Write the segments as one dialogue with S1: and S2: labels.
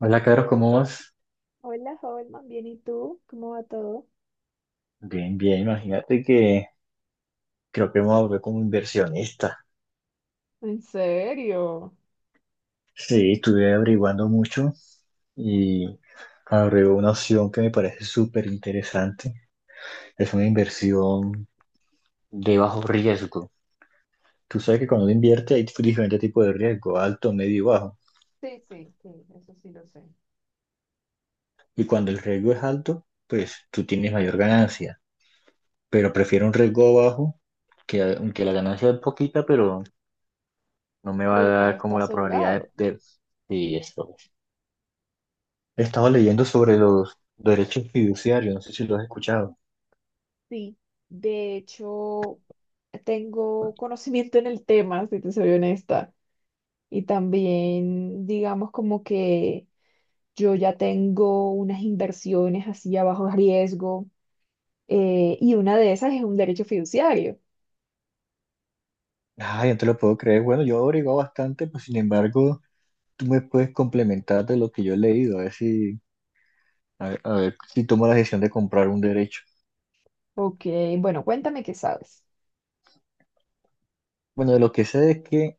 S1: Hola, Carlos, ¿cómo vas?
S2: Hola, Holman, bien, ¿y tú? ¿Cómo va todo?
S1: Bien, bien, imagínate que creo que me ahorré como inversionista.
S2: ¿En serio?
S1: Sí, estuve averiguando mucho y ahorré una opción que me parece súper interesante. Es una inversión de bajo riesgo. Tú sabes que cuando uno invierte hay diferentes tipos de riesgo, alto, medio y bajo.
S2: Sí, sí, sí, eso sí lo sé.
S1: Y cuando el riesgo es alto, pues tú tienes mayor ganancia. Pero prefiero un riesgo bajo, que, aunque la ganancia es poquita, pero no me
S2: ¿Tu
S1: va a
S2: dinero
S1: dar
S2: está
S1: como la probabilidad
S2: asegurado?
S1: sí, esto. He estado leyendo sobre los derechos fiduciarios, no sé si lo has escuchado.
S2: Sí, de hecho, tengo conocimiento en el tema, si te soy honesta. Y también, digamos, como que yo ya tengo unas inversiones así a bajo riesgo, y una de esas es un derecho fiduciario.
S1: Ay, no te lo puedo creer. Bueno, yo he averiguado bastante, pues sin embargo, tú me puedes complementar de lo que yo he leído, a ver si tomo la decisión de comprar un derecho.
S2: Ok, bueno, cuéntame qué sabes.
S1: Bueno, de lo que sé es que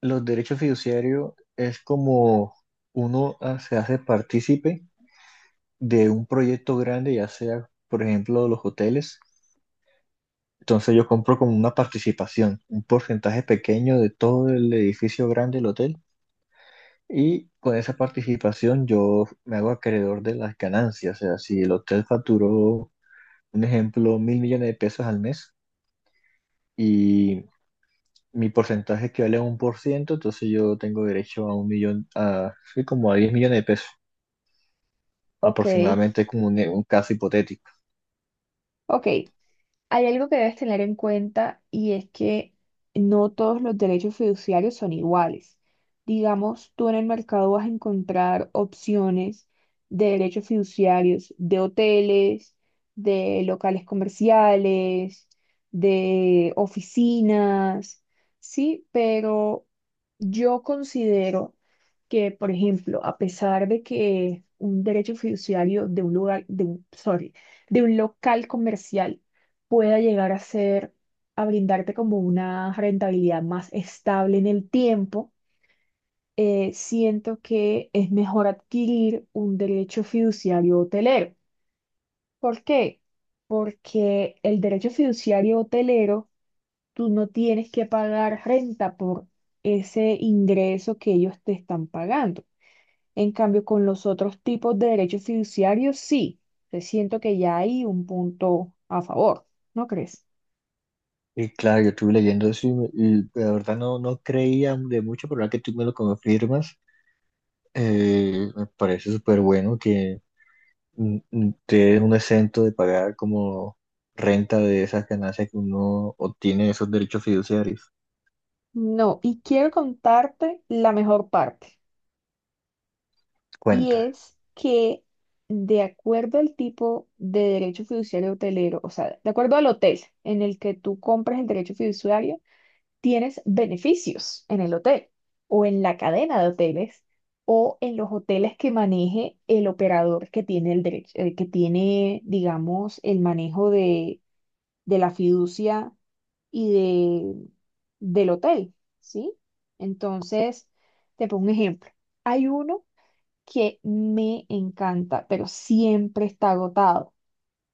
S1: los derechos fiduciarios es como uno se hace partícipe de un proyecto grande, ya sea, por ejemplo, los hoteles. Entonces yo compro como una participación, un porcentaje pequeño de todo el edificio grande del hotel, y con esa participación yo me hago acreedor de las ganancias. O sea, si el hotel facturó, un ejemplo, 1.000 millones de pesos al mes y mi porcentaje equivale a 1%, entonces yo tengo derecho a 1 millón, a, sí, como a 10 millones de pesos,
S2: Ok,
S1: aproximadamente como un caso hipotético.
S2: ok. Hay algo que debes tener en cuenta y es que no todos los derechos fiduciarios son iguales. Digamos, tú en el mercado vas a encontrar opciones de derechos fiduciarios de hoteles, de locales comerciales, de oficinas, sí, pero yo considero que, por ejemplo, a pesar de que un derecho fiduciario de un lugar, sorry, de un local comercial, pueda llegar a ser, a brindarte como una rentabilidad más estable en el tiempo, siento que es mejor adquirir un derecho fiduciario hotelero. ¿Por qué? Porque el derecho fiduciario hotelero, tú no tienes que pagar renta por ese ingreso que ellos te están pagando. En cambio, con los otros tipos de derechos fiduciarios, sí, te siento que ya hay un punto a favor, ¿no crees?
S1: Y claro, yo estuve leyendo eso y, y la verdad no creía de mucho, pero ahora que tú me lo confirmas, me parece súper bueno que te den un exento de pagar como renta de esas ganancias que uno obtiene de esos derechos fiduciarios.
S2: No, y quiero contarte la mejor parte, y
S1: Cuenta,
S2: es que de acuerdo al tipo de derecho fiduciario hotelero, o sea, de acuerdo al hotel en el que tú compras el derecho fiduciario, tienes beneficios en el hotel o en la cadena de hoteles o en los hoteles que maneje el operador que tiene el derecho, que tiene, digamos, el manejo de la fiducia y de, del hotel, ¿sí? Entonces, te pongo un ejemplo. Hay uno que me encanta, pero siempre está agotado,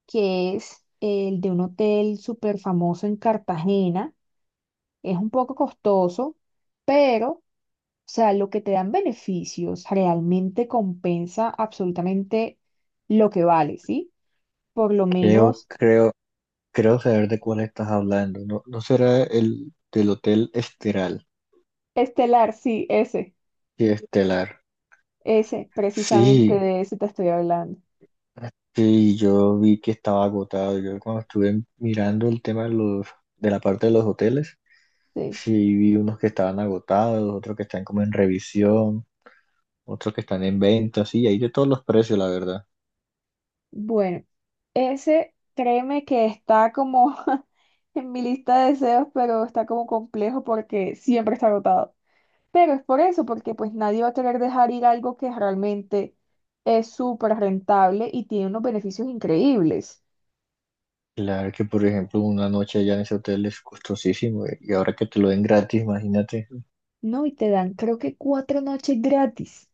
S2: que es el de un hotel súper famoso en Cartagena. Es un poco costoso, pero, o sea, lo que te dan beneficios realmente compensa absolutamente lo que vale, ¿sí? Por lo
S1: creo,
S2: menos,
S1: creo, creo saber de cuál estás hablando. No, no será el del Hotel Esteral.
S2: Estelar, sí, ese,
S1: Sí, Estelar.
S2: ese, precisamente
S1: Sí,
S2: de ese te estoy hablando.
S1: sí, yo vi que estaba agotado. Yo cuando estuve mirando el tema de de la parte de los hoteles,
S2: Sí.
S1: sí vi unos que estaban agotados, otros que están como en revisión, otros que están en venta, sí, hay de todos los precios, la verdad.
S2: Bueno, ese créeme que está como en mi lista de deseos, pero está como complejo porque siempre está agotado. Pero es por eso, porque pues nadie va a querer dejar ir algo que realmente es súper rentable y tiene unos beneficios increíbles.
S1: Claro que, por ejemplo, una noche allá en ese hotel es costosísimo, y ahora que te lo den gratis, imagínate,
S2: No, y te dan creo que 4 noches gratis.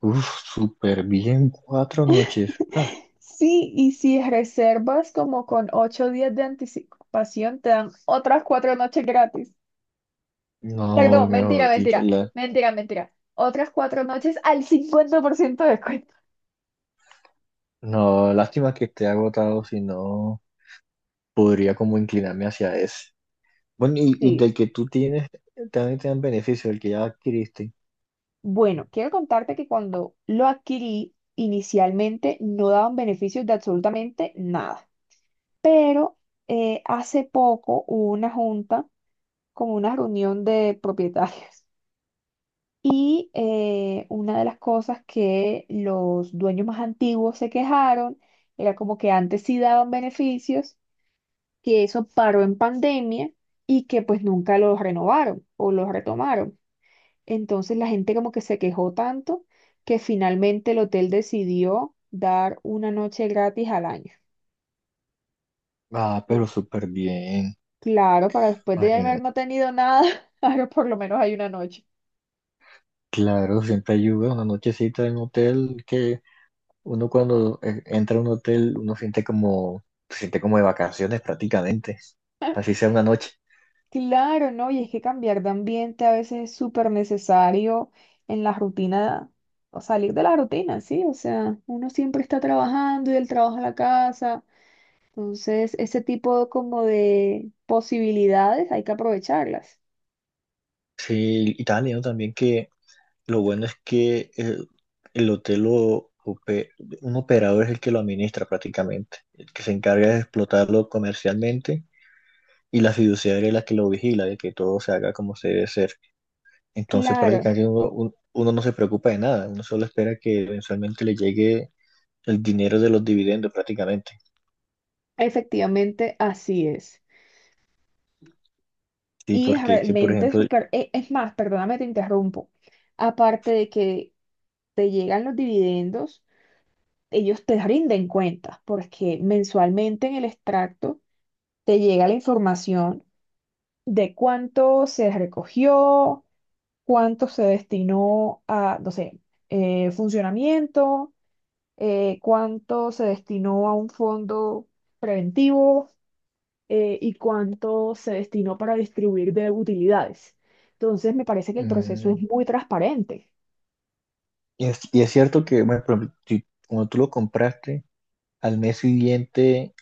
S1: uff, súper bien, 4 noches. Ah,
S2: Sí, y si reservas como con 8 días de anticipación, te dan otras 4 noches gratis.
S1: no,
S2: Perdón, mentira,
S1: mejor dicho,
S2: mentira, mentira, mentira. Otras 4 noches al 50% de descuento.
S1: no, lástima que esté agotado, si no, podría como inclinarme hacia ese. Bueno, y
S2: Sí.
S1: del que tú tienes, también te dan beneficio, del que ya adquiriste.
S2: Bueno, quiero contarte que cuando lo adquirí, inicialmente no daban beneficios de absolutamente nada. Pero hace poco hubo una junta, como una reunión de propietarios. Y una de las cosas que los dueños más antiguos se quejaron era como que antes sí daban beneficios, que eso paró en pandemia y que pues nunca los renovaron o los retomaron. Entonces la gente como que se quejó tanto que finalmente el hotel decidió dar una noche gratis al año.
S1: Ah,
S2: Sí.
S1: pero súper bien,
S2: Claro, para después de haber
S1: imagínate.
S2: no tenido nada, ahora por lo menos hay una noche.
S1: Claro, siempre ayuda una nochecita en hotel que uno, cuando entra a un hotel, uno siente como, se siente como de vacaciones prácticamente, así sea una noche.
S2: Claro, ¿no? Y es que cambiar de ambiente a veces es súper necesario en la rutina, o salir de la rutina, ¿sí? O sea, uno siempre está trabajando y del trabajo a la casa. Entonces, ese tipo como de posibilidades hay que aprovecharlas.
S1: Sí, y estaba leyendo también que lo bueno es que el hotel un operador es el que lo administra prácticamente, el que se encarga de explotarlo comercialmente, y la fiduciaria es la que lo vigila, de que todo se haga como se debe ser. Entonces
S2: Claro,
S1: prácticamente uno no se preocupa de nada, uno solo espera que eventualmente le llegue el dinero de los dividendos prácticamente.
S2: efectivamente así es.
S1: Sí,
S2: Y es
S1: porque es que, por
S2: realmente
S1: ejemplo,
S2: súper, es más, perdóname, te interrumpo. Aparte de que te llegan los dividendos, ellos te rinden cuentas, porque mensualmente en el extracto te llega la información de cuánto se recogió, cuánto se destinó a, no sé, funcionamiento, cuánto se destinó a un fondo preventivo, y cuánto se destinó para distribuir de utilidades. Entonces, me parece que el proceso es
S1: Mm,
S2: muy transparente.
S1: y es cierto que, bueno, por ejemplo, cuando tú lo compraste, al mes siguiente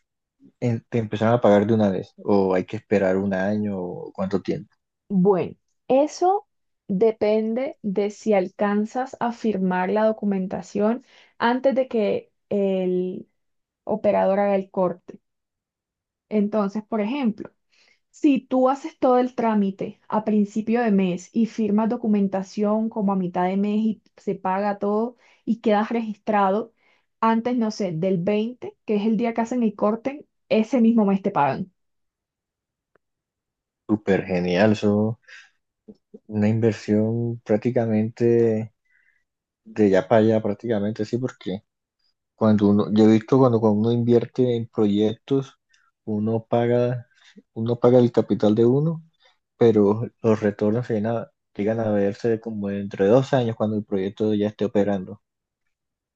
S1: te empezaron a pagar de una vez, o hay que esperar un año, o cuánto tiempo.
S2: Bueno, eso depende de si alcanzas a firmar la documentación antes de que el operador haga el corte. Entonces, por ejemplo, si tú haces todo el trámite a principio de mes y firmas documentación como a mitad de mes y se paga todo y quedas registrado, antes, no sé, del 20 que es el día que hacen el corte, ese mismo mes te pagan.
S1: Súper genial, eso, una inversión prácticamente de ya para allá, prácticamente, sí, porque yo he visto cuando uno invierte en proyectos, uno paga, uno paga el capital de uno, pero los retornos se llegan a verse como entre 2 años cuando el proyecto ya esté operando.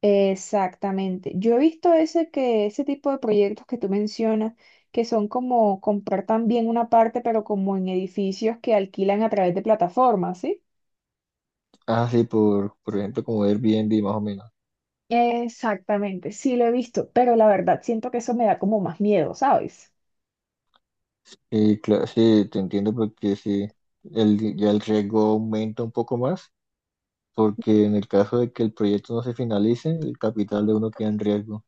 S2: Exactamente. Yo he visto ese, que ese tipo de proyectos que tú mencionas, que son como comprar también una parte, pero como en edificios que alquilan a través de plataformas, ¿sí?
S1: Ah, sí, por ejemplo, como Airbnb más o menos.
S2: Exactamente, sí lo he visto, pero la verdad siento que eso me da como más miedo, ¿sabes?
S1: Y claro, sí, te entiendo porque sí, ya el riesgo aumenta un poco más, porque en el caso de que el proyecto no se finalice, el capital de uno queda en riesgo.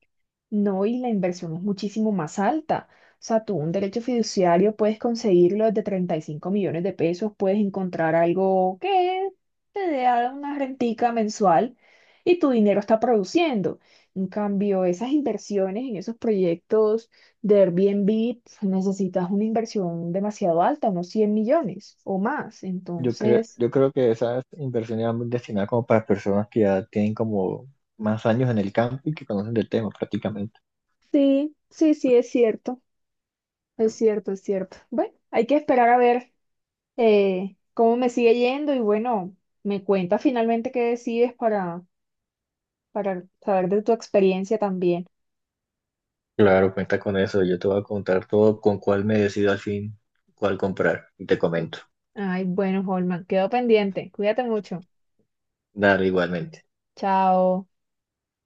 S2: No, y la inversión es muchísimo más alta. O sea, tú un derecho fiduciario puedes conseguirlo desde 35 millones de pesos, puedes encontrar algo que te dé una rentica mensual y tu dinero está produciendo. En cambio, esas inversiones en esos proyectos de Airbnb, pf, necesitas una inversión demasiado alta, unos 100 millones o más.
S1: Yo creo,
S2: Entonces,
S1: yo creo que esas inversiones van destinadas como para personas que ya tienen como más años en el campo y que conocen del tema prácticamente.
S2: sí, sí, sí, es cierto, es cierto, es cierto. Bueno, hay que esperar a ver. Cómo me sigue yendo y bueno, me cuenta finalmente qué decides para saber de tu experiencia también.
S1: Claro, cuenta con eso. Yo te voy a contar todo con cuál me decido al fin cuál comprar. Y te comento.
S2: Ay, bueno, Holman, quedo pendiente. Cuídate mucho.
S1: Dale, igualmente.
S2: Chao.